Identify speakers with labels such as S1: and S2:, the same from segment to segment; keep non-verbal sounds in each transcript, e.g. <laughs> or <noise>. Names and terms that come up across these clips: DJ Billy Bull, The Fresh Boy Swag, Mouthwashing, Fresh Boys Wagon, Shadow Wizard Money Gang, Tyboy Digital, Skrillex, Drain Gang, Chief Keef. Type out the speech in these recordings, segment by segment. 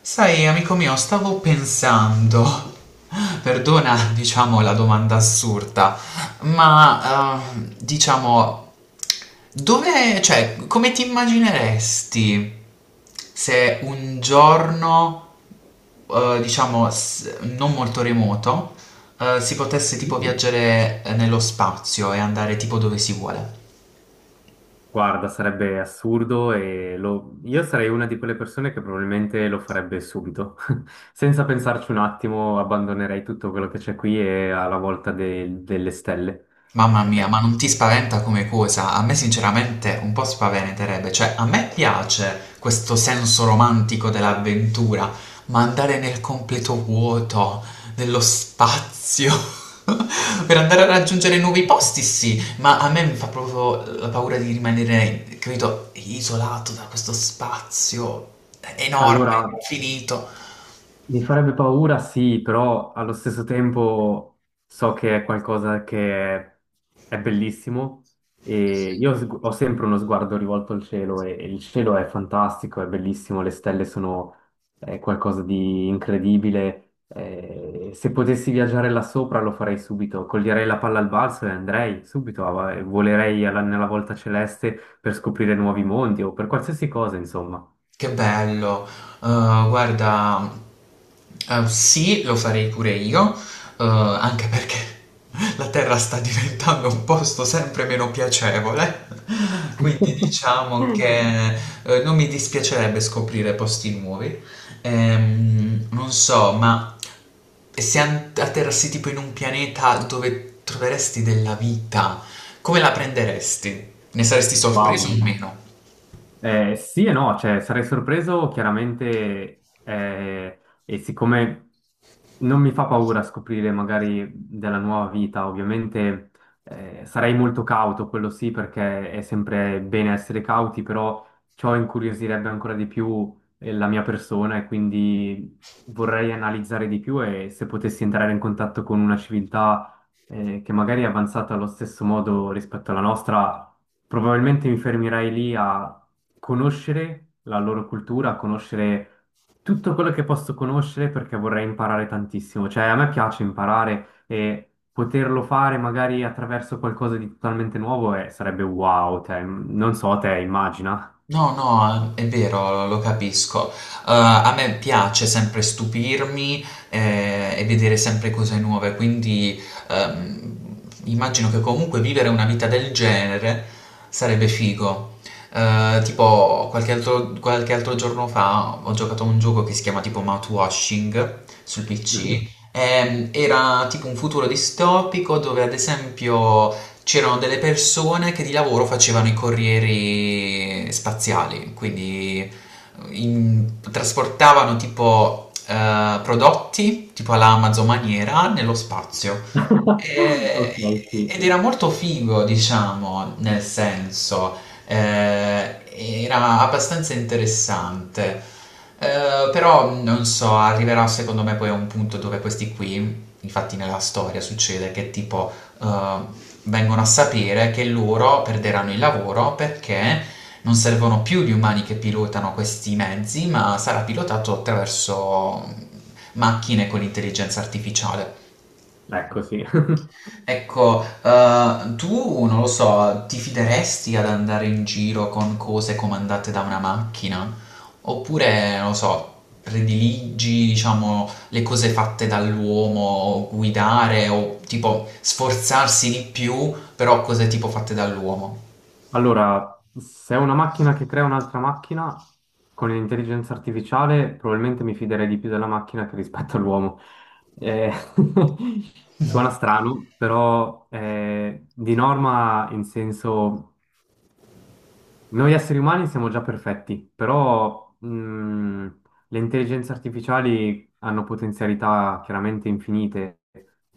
S1: Sai, amico mio, stavo pensando, perdona, diciamo, la domanda assurda, ma diciamo, dove, cioè, come ti immagineresti se un giorno, diciamo, non molto remoto, si potesse tipo viaggiare nello spazio e andare tipo dove si vuole?
S2: Guarda, sarebbe assurdo e io sarei una di quelle persone che probabilmente lo farebbe subito. <laughs> Senza pensarci un attimo, abbandonerei tutto quello che c'è qui e alla volta delle stelle.
S1: Mamma mia,
S2: Eh,
S1: ma non ti spaventa come cosa? A me sinceramente un po' spaventerebbe, cioè a me piace questo senso romantico dell'avventura, ma andare nel completo vuoto, nello spazio, <laughs> per andare a raggiungere nuovi posti, sì, ma a me mi fa proprio la paura di rimanere, capito, isolato da questo spazio enorme,
S2: allora,
S1: infinito.
S2: mi farebbe paura, sì, però allo stesso tempo so che è qualcosa che è bellissimo e io ho sempre uno sguardo rivolto al cielo e il cielo è fantastico, è bellissimo, le stelle sono qualcosa di incredibile. Se potessi viaggiare là sopra lo farei subito, coglierei la palla al balzo e andrei subito, e volerei nella volta celeste per scoprire nuovi mondi o per qualsiasi cosa, insomma.
S1: Che bello. Guarda, sì, lo farei pure io, anche perché <laughs> la Terra sta diventando un posto sempre meno piacevole, <laughs> quindi
S2: <laughs>
S1: diciamo che non mi dispiacerebbe scoprire posti nuovi. Non so, ma se atterrassi tipo in un pianeta dove troveresti della vita, come la prenderesti? Ne saresti sorpreso o
S2: Wow.
S1: meno?
S2: Sì e no, cioè sarei sorpreso chiaramente e siccome non mi fa paura scoprire magari della nuova vita, ovviamente sarei molto cauto, quello sì, perché è sempre bene essere cauti, però ciò incuriosirebbe ancora di più la mia persona e quindi vorrei analizzare di più e se potessi entrare in contatto con una civiltà che magari è avanzata allo stesso modo rispetto alla nostra, probabilmente mi fermerei lì a conoscere la loro cultura, conoscere tutto quello che posso conoscere perché vorrei imparare tantissimo. Cioè, a me piace imparare e poterlo fare magari attraverso qualcosa di totalmente nuovo sarebbe wow, cioè, non so, te immagina.
S1: No, no, è vero, lo capisco. A me piace sempre stupirmi e vedere sempre cose nuove, quindi ehm, immagino che comunque vivere una vita del genere sarebbe figo. Tipo, qualche altro giorno fa ho giocato a un gioco che si chiama tipo Mouthwashing sul PC.
S2: Mhm.
S1: Era tipo un futuro distopico dove ad esempio c'erano delle persone che di lavoro facevano i corrieri spaziali, quindi trasportavano tipo prodotti, tipo alla Amazon maniera, nello spazio.
S2: <laughs>
S1: Eh,
S2: Ok, sì,
S1: ed era molto figo, diciamo, nel senso, eh, era abbastanza interessante. Però non so, arriverà secondo me poi a un punto dove questi qui, infatti nella storia succede che tipo eh, vengono a sapere che loro perderanno il lavoro perché non servono più gli umani che pilotano questi mezzi, ma sarà pilotato attraverso macchine con intelligenza artificiale.
S2: ecco sì. <laughs>
S1: Ecco, tu non lo so, ti fideresti ad andare in giro con cose comandate da una macchina? Oppure, non lo so, prediligi, diciamo, le cose fatte dall'uomo, guidare o tipo sforzarsi di più, però cose tipo fatte dall'uomo?
S2: Allora, se è una macchina che crea un'altra macchina con l'intelligenza artificiale, probabilmente mi fiderei di più della macchina che rispetto all'uomo. Eh, <laughs> suona strano, però di norma in senso noi esseri umani siamo già perfetti, però le intelligenze artificiali hanno potenzialità chiaramente infinite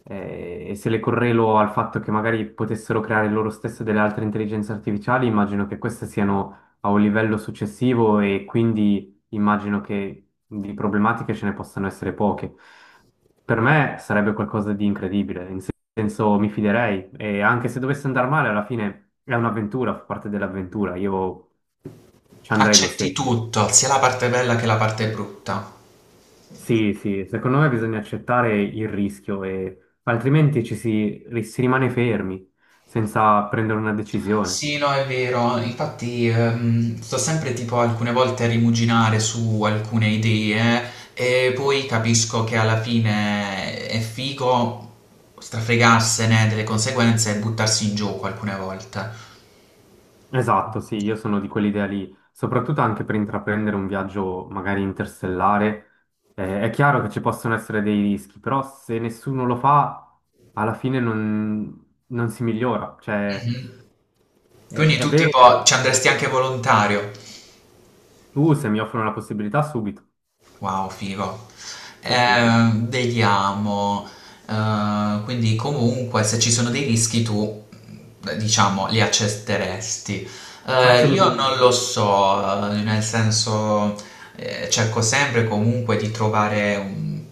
S2: e se le correlo al fatto che magari potessero creare loro stesse delle altre intelligenze artificiali, immagino che queste siano a un livello successivo e quindi immagino che di problematiche ce ne possano essere poche. Per me sarebbe qualcosa di incredibile. Senso mi fiderei e anche se dovesse andare male, alla fine è un'avventura, fa parte dell'avventura, io ci andrei lo
S1: Accetti
S2: stesso.
S1: tutto, sia la parte bella che la parte brutta.
S2: Sì, sì, secondo me bisogna accettare il rischio e altrimenti ci si, si rimane fermi senza prendere una decisione.
S1: Sì, no, è vero. Infatti, sto sempre tipo alcune volte a rimuginare su alcune idee e poi capisco che alla fine è figo strafregarsene delle conseguenze e buttarsi in gioco alcune volte.
S2: Esatto, sì, io sono di quell'idea lì, soprattutto anche per intraprendere un viaggio magari interstellare. È chiaro che ci possono essere dei rischi, però se nessuno lo fa, alla fine non si migliora. Cioè,
S1: Mhm.
S2: È,
S1: Quindi
S2: è
S1: tu
S2: vero che
S1: tipo ci andresti anche volontario.
S2: tu se mi offrono la possibilità subito,
S1: Wow, figo.
S2: sì, sì.
S1: Eh, vediamo. Quindi comunque se ci sono dei rischi tu, diciamo, li accetteresti. Io non
S2: Assolutamente.
S1: lo so, nel senso cerco sempre comunque di trovare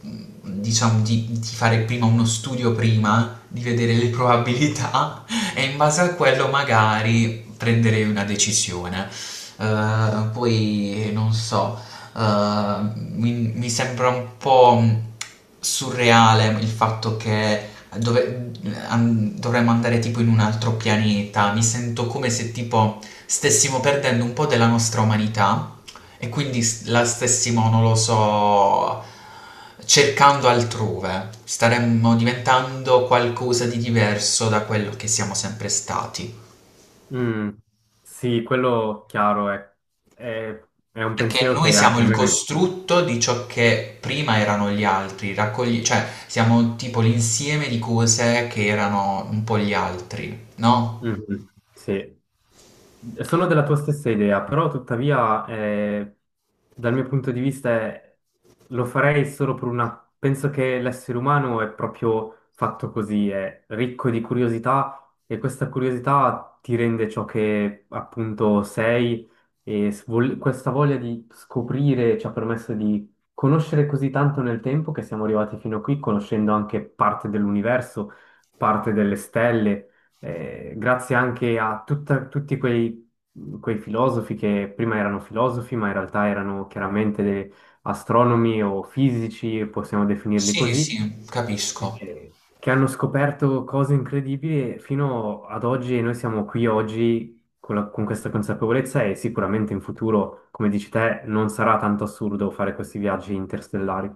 S1: diciamo di fare prima uno studio prima, di vedere le probabilità <laughs> e in base a quello magari prendere una decisione. Poi non so eh, mi sembra un po' surreale il fatto che dove- dovremmo andare tipo in un altro pianeta. Mi sento come se tipo stessimo perdendo un po' della nostra umanità e quindi la stessimo, non lo so, cercando altrove. Staremmo diventando qualcosa di diverso da quello che siamo sempre stati.
S2: Mm, sì, quello chiaro è, è un
S1: Perché
S2: pensiero
S1: noi
S2: che
S1: siamo
S2: anche a
S1: il
S2: me...
S1: costrutto di ciò che prima erano gli altri, cioè siamo tipo l'insieme di cose che erano un po' gli altri, no?
S2: Mhm, sì. Sono della tua stessa idea, però tuttavia dal mio punto di vista lo farei solo per una... Penso che l'essere umano è proprio fatto così, è ricco di curiosità e questa curiosità ti rende ciò che appunto sei e questa voglia di scoprire ci ha permesso di conoscere così tanto nel tempo che siamo arrivati fino a qui, conoscendo anche parte dell'universo, parte delle stelle grazie anche a tutti quei filosofi che prima erano filosofi, ma in realtà erano chiaramente astronomi o fisici, possiamo definirli
S1: Sì,
S2: così,
S1: sì, capisco.
S2: che hanno scoperto cose incredibili e fino ad oggi e noi siamo qui oggi. Con questa consapevolezza e sicuramente in futuro, come dici te, non sarà tanto assurdo fare questi viaggi interstellari.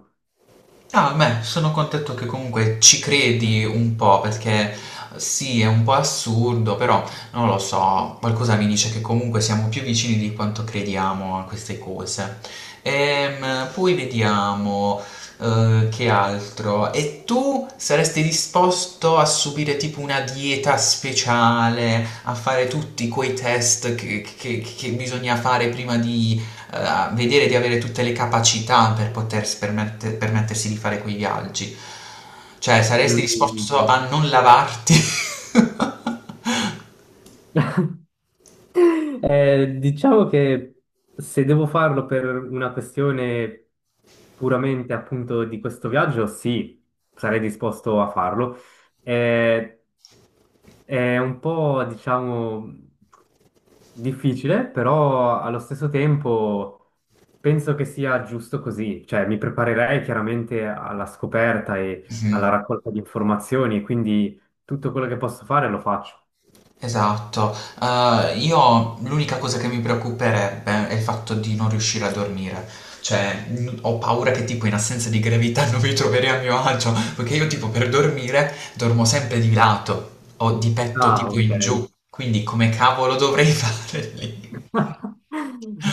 S1: Ah, beh, sono contento che comunque ci credi un po' perché sì, è un po' assurdo, però non lo so, qualcosa mi dice che comunque siamo più vicini di quanto crediamo a queste cose. Poi vediamo che altro. E tu saresti disposto a subire tipo una dieta speciale, a fare tutti quei test che, che bisogna fare prima di vedere di avere tutte le capacità per potersi permettersi di fare quei viaggi. Cioè, saresti
S2: Mm. <laughs>
S1: disposto a non lavarti? <laughs>
S2: Diciamo che se devo farlo per una questione puramente appunto di questo viaggio, sì, sarei disposto a farlo. Eh, è un po', diciamo, difficile, però allo stesso tempo penso che sia giusto così. Cioè, mi preparerei chiaramente alla scoperta e alla
S1: Mhm,
S2: raccolta di informazioni, quindi tutto quello che posso fare lo faccio.
S1: esatto. Io l'unica cosa che mi preoccuperebbe è il fatto di non riuscire a dormire. Cioè, ho paura che tipo in assenza di gravità non mi troverei a mio agio, perché io tipo per dormire dormo sempre di lato o di petto
S2: Ah,
S1: tipo
S2: ok.
S1: in giù, quindi come cavolo dovrei <laughs> fare lì?
S2: <laughs>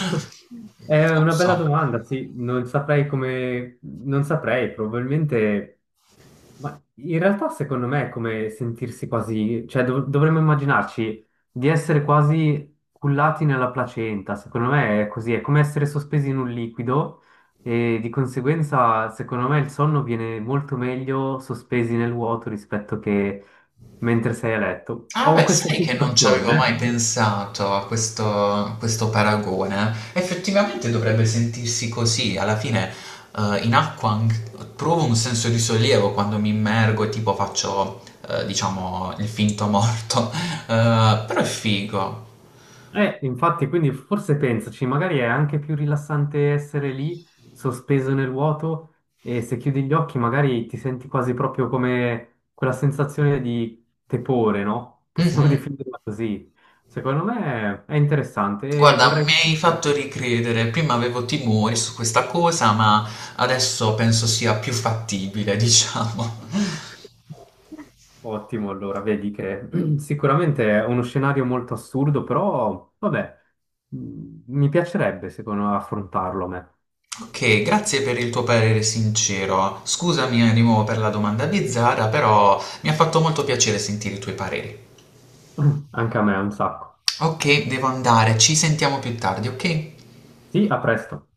S2: È
S1: Non
S2: una
S1: so.
S2: bella domanda, sì, non saprei come, non saprei, probabilmente, ma in realtà secondo me è come sentirsi quasi, cioè dovremmo immaginarci di essere quasi cullati nella placenta, secondo me è così, è come essere sospesi in un liquido e di conseguenza secondo me il sonno viene molto meglio sospesi nel vuoto rispetto che mentre sei a letto.
S1: Ah
S2: Ho
S1: beh,
S2: questa
S1: sai che non ci avevo mai
S2: sensazione, eh.
S1: pensato a questo paragone. Effettivamente dovrebbe sentirsi così. Alla fine, in acqua provo un senso di sollievo quando mi immergo e tipo faccio, diciamo, il finto morto. <laughs> Però è figo.
S2: Infatti, quindi forse pensaci, magari è anche più rilassante essere lì, sospeso nel vuoto, e se chiudi gli occhi magari ti senti quasi proprio come quella sensazione di tepore, no? Possiamo <laughs>
S1: Mhm.
S2: definirla così. Secondo me è interessante e
S1: Guarda,
S2: vorrei...
S1: mi hai fatto ricredere. Prima avevo timori su questa cosa, ma adesso penso sia più fattibile, <laughs> diciamo.
S2: Ottimo, allora, vedi che <clears throat> sicuramente è uno scenario molto assurdo, però vabbè, mi piacerebbe, secondo me, affrontarlo a me.
S1: Ok, grazie per il tuo parere sincero. Scusami di nuovo per la domanda bizzarra, però mi ha fatto molto piacere sentire i tuoi pareri.
S2: <clears throat> Anche a me, un sacco.
S1: Ok, devo andare, ci sentiamo più tardi, ok?
S2: Sì, a presto.